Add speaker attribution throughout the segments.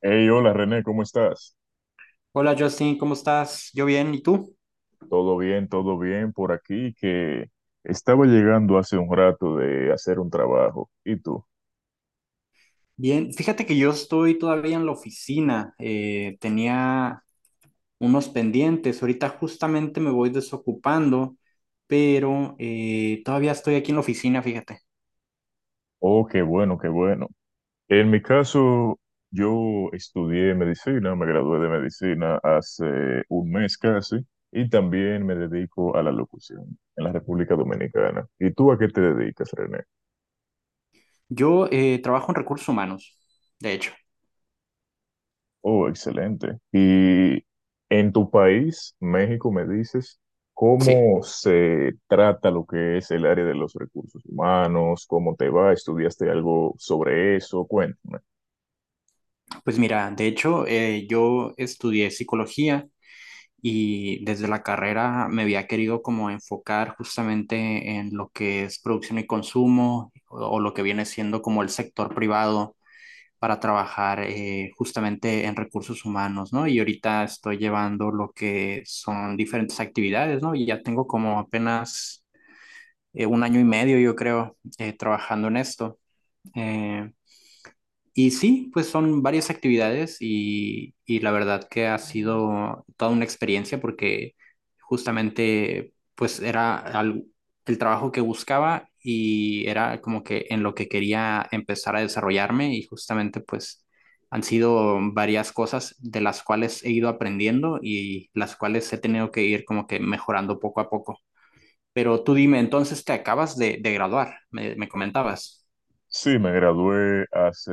Speaker 1: Hey, hola René, ¿cómo estás?
Speaker 2: Hola Justin, ¿cómo estás? Yo bien, ¿y tú?
Speaker 1: Todo bien por aquí, que estaba llegando hace un rato de hacer un trabajo. ¿Y tú?
Speaker 2: Bien, fíjate que yo estoy todavía en la oficina, tenía unos pendientes, ahorita justamente me voy desocupando, pero todavía estoy aquí en la oficina, fíjate.
Speaker 1: Oh, qué bueno, qué bueno. En mi caso, yo estudié medicina, me gradué de medicina hace un mes casi, y también me dedico a la locución en la República Dominicana. ¿Y tú a qué te dedicas, René?
Speaker 2: Yo trabajo en recursos humanos, de hecho.
Speaker 1: Oh, excelente. Y en tu país, México, me dices,
Speaker 2: Sí,
Speaker 1: ¿cómo se trata lo que es el área de los recursos humanos? ¿Cómo te va? ¿Estudiaste algo sobre eso? Cuéntame.
Speaker 2: pues mira, de hecho yo estudié psicología y desde la carrera me había querido como enfocar justamente en lo que es producción y consumo o lo que viene siendo como el sector privado para trabajar justamente en recursos humanos, ¿no? Y ahorita estoy llevando lo que son diferentes actividades, ¿no? Y ya tengo como apenas 1 año y medio, yo creo, trabajando en esto. Eh, y sí, pues son varias actividades y la verdad que ha sido toda una experiencia porque justamente pues el trabajo que buscaba y era como que en lo que quería empezar a desarrollarme y justamente pues han sido varias cosas de las cuales he ido aprendiendo y las cuales he tenido que ir como que mejorando poco a poco. Pero tú dime, entonces te acabas de graduar, me comentabas.
Speaker 1: Sí, me gradué hace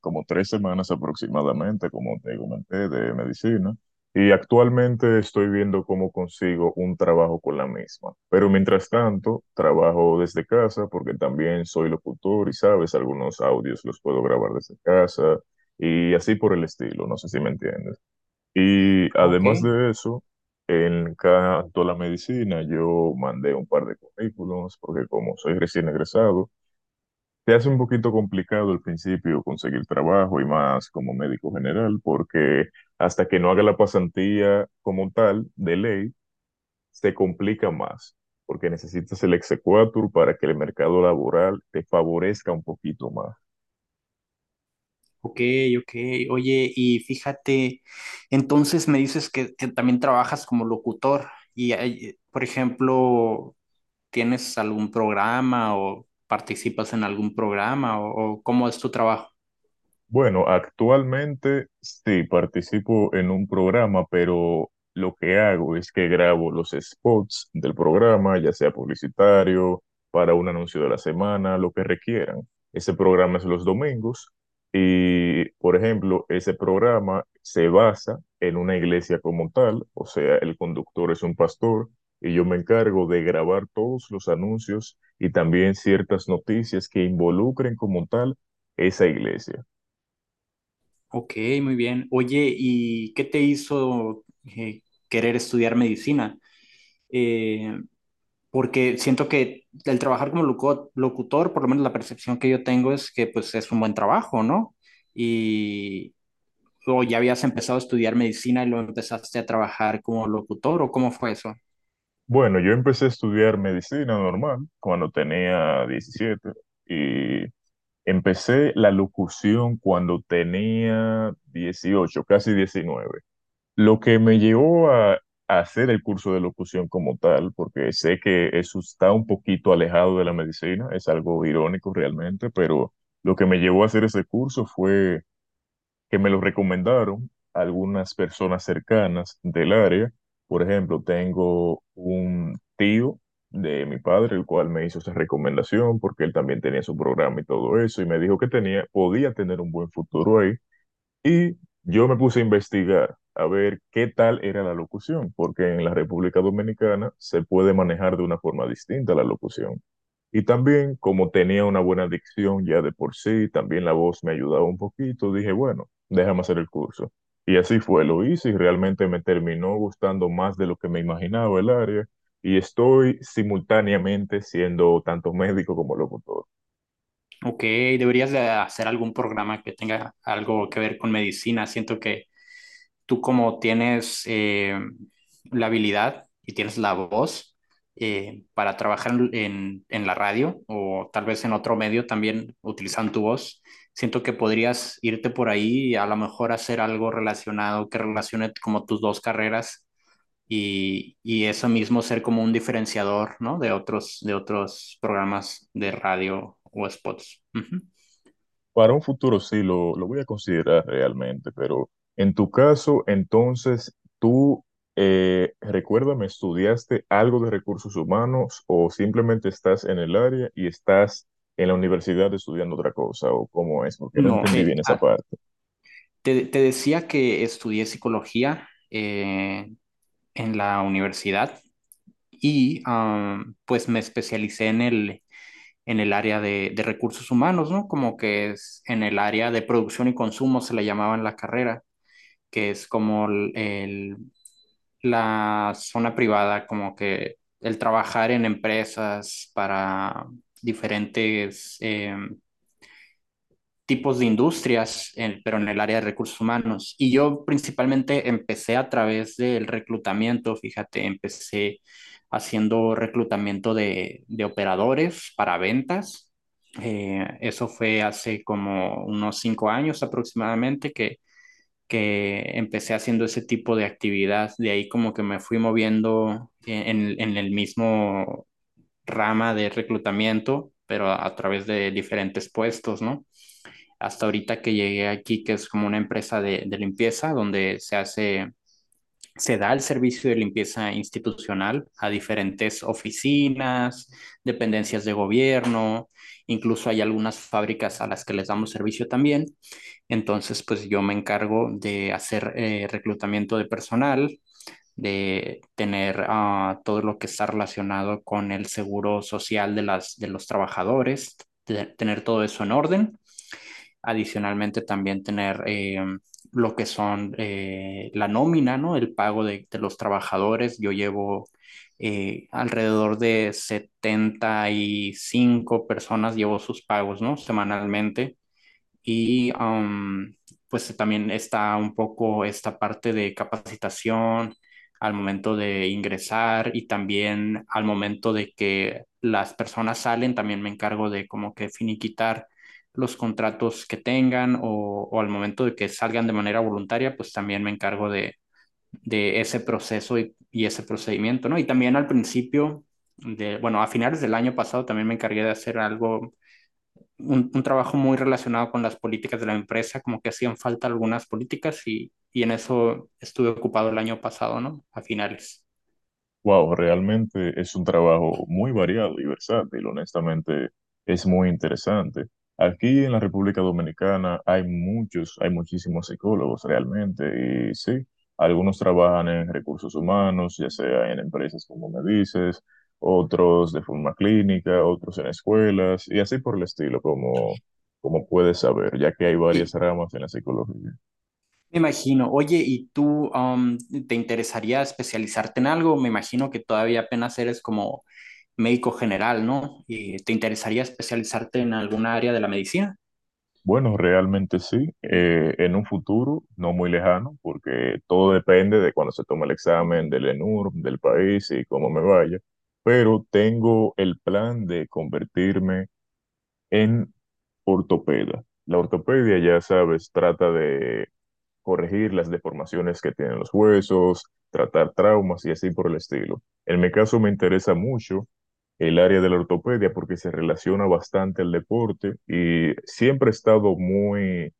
Speaker 1: como 3 semanas aproximadamente, como te comenté, de medicina. Y actualmente estoy viendo cómo consigo un trabajo con la misma. Pero mientras tanto, trabajo desde casa porque también soy locutor y, sabes, algunos audios los puedo grabar desde casa y así por el estilo, no sé si me entiendes. Y
Speaker 2: Ok.
Speaker 1: además de eso, en cuanto a la medicina, yo mandé un par de currículums porque como soy recién egresado, te hace un poquito complicado al principio conseguir trabajo y más como médico general, porque hasta que no haga la pasantía como tal, de ley, se complica más, porque necesitas el exequatur para que el mercado laboral te favorezca un poquito más.
Speaker 2: Ok, ok. Oye, y fíjate, entonces me dices que también trabajas como locutor y, por ejemplo, ¿tienes algún programa o participas en algún programa o cómo es tu trabajo?
Speaker 1: Bueno, actualmente sí participo en un programa, pero lo que hago es que grabo los spots del programa, ya sea publicitario, para un anuncio de la semana, lo que requieran. Ese programa es los domingos y, por ejemplo, ese programa se basa en una iglesia como tal, o sea, el conductor es un pastor y yo me encargo de grabar todos los anuncios y también ciertas noticias que involucren como tal esa iglesia.
Speaker 2: Ok, muy bien. Oye, ¿y qué te hizo querer estudiar medicina? Eh, porque siento que el trabajar como locutor, por lo menos la percepción que yo tengo es que pues es un buen trabajo, ¿no? ¿O ya habías empezado a estudiar medicina y lo empezaste a trabajar como locutor o cómo fue eso?
Speaker 1: Bueno, yo empecé a estudiar medicina normal cuando tenía 17 y empecé la locución cuando tenía 18, casi 19. Lo que me llevó a hacer el curso de locución como tal, porque sé que eso está un poquito alejado de la medicina, es algo irónico realmente, pero lo que me llevó a hacer ese curso fue que me lo recomendaron algunas personas cercanas del área. Por ejemplo, tengo un tío de mi padre, el cual me hizo esa recomendación porque él también tenía su programa y todo eso, y me dijo que tenía, podía tener un buen futuro ahí. Y yo me puse a investigar a ver qué tal era la locución, porque en la República Dominicana se puede manejar de una forma distinta la locución. Y también, como tenía una buena dicción ya de por sí, también la voz me ayudaba un poquito, dije, bueno, déjame hacer el curso. Y así fue, lo hice y realmente me terminó gustando más de lo que me imaginaba el área. Y estoy simultáneamente siendo tanto médico como locutor.
Speaker 2: Ok, deberías de hacer algún programa que tenga algo que ver con medicina. Siento que tú como tienes la habilidad y tienes la voz para trabajar en la radio o tal vez en otro medio también utilizando tu voz, siento que podrías irte por ahí y a lo mejor hacer algo relacionado que relacione como tus dos carreras y eso mismo ser como un diferenciador, ¿no? De otros programas de radio o spots. Ujú.
Speaker 1: Para un futuro sí, lo voy a considerar realmente, pero en tu caso, entonces, tú, recuérdame, ¿estudiaste algo de recursos humanos o simplemente estás en el área y estás en la universidad estudiando otra cosa o cómo es? Porque no
Speaker 2: No,
Speaker 1: entendí bien esa parte.
Speaker 2: te decía que estudié psicología en la universidad y pues me especialicé en el área de recursos humanos, ¿no? Como que es en el área de producción y consumo se le llamaba en la carrera, que es como el la zona privada, como que el trabajar en empresas para diferentes tipos de industrias, pero en el área de recursos humanos. Y yo principalmente empecé a través del reclutamiento, fíjate, empecé haciendo reclutamiento de operadores para ventas. Eso fue hace como unos 5 años aproximadamente que empecé haciendo ese tipo de actividad. De ahí como que me fui moviendo en el mismo rama de reclutamiento, pero a través de diferentes puestos, ¿no? Hasta ahorita que llegué aquí, que es como una empresa de limpieza, donde se da el servicio de limpieza institucional a diferentes oficinas, dependencias de gobierno, incluso hay algunas fábricas a las que les damos servicio también. Entonces, pues yo me encargo de hacer reclutamiento de personal, de tener todo lo que está relacionado con el seguro social de los trabajadores, de tener todo eso en orden. Adicionalmente, también tener lo que son la nómina, ¿no? El pago de los trabajadores. Yo llevo alrededor de 75 personas, llevo sus pagos, ¿no? Semanalmente. y um, pues también está un poco esta parte de capacitación al momento de ingresar y también al momento de que las personas salen, también me encargo de como que finiquitar los contratos que tengan o al momento de que salgan de manera voluntaria, pues también me encargo de ese proceso y ese procedimiento, ¿no? Y también al principio, bueno, a finales del año pasado también me encargué de hacer algo un trabajo muy relacionado con las políticas de la empresa, como que hacían falta algunas políticas y en eso estuve ocupado el año pasado, ¿no? A finales.
Speaker 1: Wow, realmente es un trabajo muy variado y versátil, honestamente es muy interesante. Aquí en la República Dominicana hay muchos, hay muchísimos psicólogos realmente y sí, algunos trabajan en recursos humanos, ya sea en empresas como me dices, otros de forma clínica, otros en escuelas y así por el estilo, como, como puedes saber, ya que hay varias
Speaker 2: Sí,
Speaker 1: ramas en la psicología.
Speaker 2: me imagino. Oye, ¿y tú te interesaría especializarte en algo? Me imagino que todavía apenas eres como médico general, ¿no? ¿Te interesaría especializarte en alguna área de la medicina?
Speaker 1: Bueno, realmente sí. En un futuro no muy lejano, porque todo depende de cuando se tome el examen del ENURB, del país y cómo me vaya. Pero tengo el plan de convertirme en ortopeda. La ortopedia, ya sabes, trata de corregir las deformaciones que tienen los huesos, tratar traumas y así por el estilo. En mi caso me interesa mucho el área de la ortopedia porque se relaciona bastante al deporte y siempre he estado muy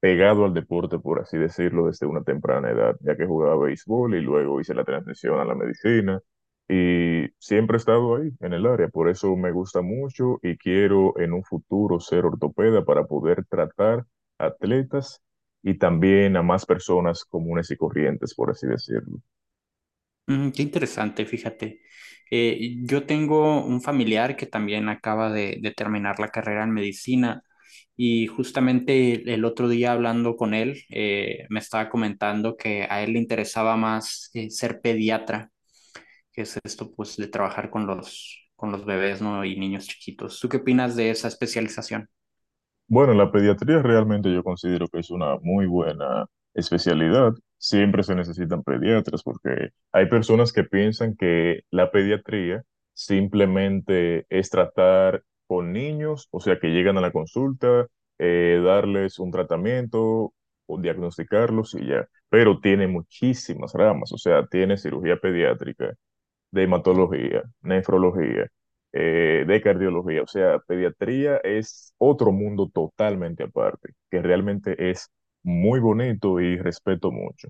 Speaker 1: pegado al deporte, por así decirlo, desde una temprana edad, ya que jugaba béisbol y luego hice la transición a la medicina y siempre he estado ahí, en el área, por eso me gusta mucho y quiero en un futuro ser ortopeda para poder tratar atletas y también a más personas comunes y corrientes, por así decirlo.
Speaker 2: Mm, qué interesante, fíjate. Yo tengo un familiar que también acaba de terminar la carrera en medicina y justamente el otro día hablando con él, me estaba comentando que a él le interesaba más ser pediatra, que es esto pues de trabajar con con los bebés, ¿no? Y niños chiquitos. ¿Tú qué opinas de esa especialización?
Speaker 1: Bueno, la pediatría realmente yo considero que es una muy buena especialidad. Siempre se necesitan pediatras porque hay personas que piensan que la pediatría simplemente es tratar con niños, o sea, que llegan a la consulta, darles un tratamiento o diagnosticarlos y ya. Pero tiene muchísimas ramas, o sea, tiene cirugía pediátrica de hematología, nefrología, de cardiología. O sea, pediatría es otro mundo totalmente aparte, que realmente es muy bonito y respeto mucho.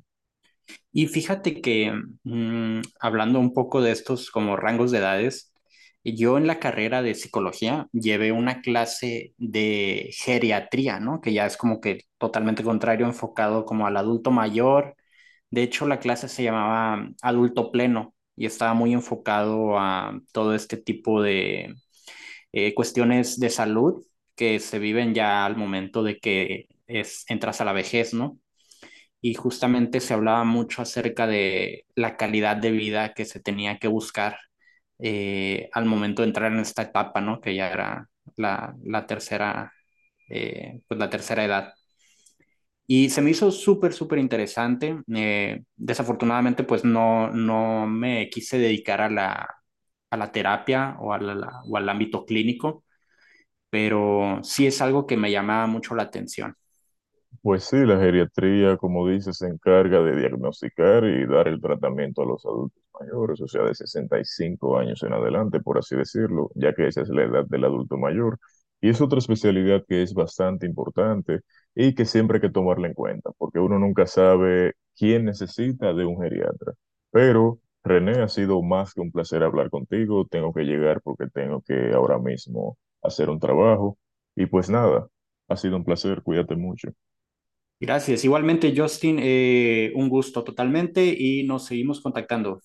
Speaker 2: Y fíjate que mm, hablando un poco de estos como rangos de edades, yo en la carrera de psicología llevé una clase de geriatría, ¿no? Que ya es como que totalmente contrario, enfocado como al adulto mayor. De hecho, la clase se llamaba adulto pleno y estaba muy enfocado a todo este tipo de cuestiones de salud que se viven ya al momento de entras a la vejez, ¿no? Y justamente se hablaba mucho acerca de la calidad de vida que se tenía que buscar al momento de entrar en esta etapa, ¿no? Que ya era la tercera, pues la tercera edad. Y se me hizo súper, súper interesante. Desafortunadamente, pues no, no me quise dedicar a a la terapia o al ámbito clínico, pero sí es algo que me llamaba mucho la atención.
Speaker 1: Pues sí, la geriatría, como dices, se encarga de diagnosticar y dar el tratamiento a los adultos mayores, o sea, de 65 años en adelante, por así decirlo, ya que esa es la edad del adulto mayor. Y es otra especialidad que es bastante importante y que siempre hay que tomarla en cuenta, porque uno nunca sabe quién necesita de un geriatra. Pero, René, ha sido más que un placer hablar contigo. Tengo que llegar porque tengo que ahora mismo hacer un trabajo. Y pues nada, ha sido un placer, cuídate mucho.
Speaker 2: Gracias. Igualmente, Justin, un gusto totalmente y nos seguimos contactando.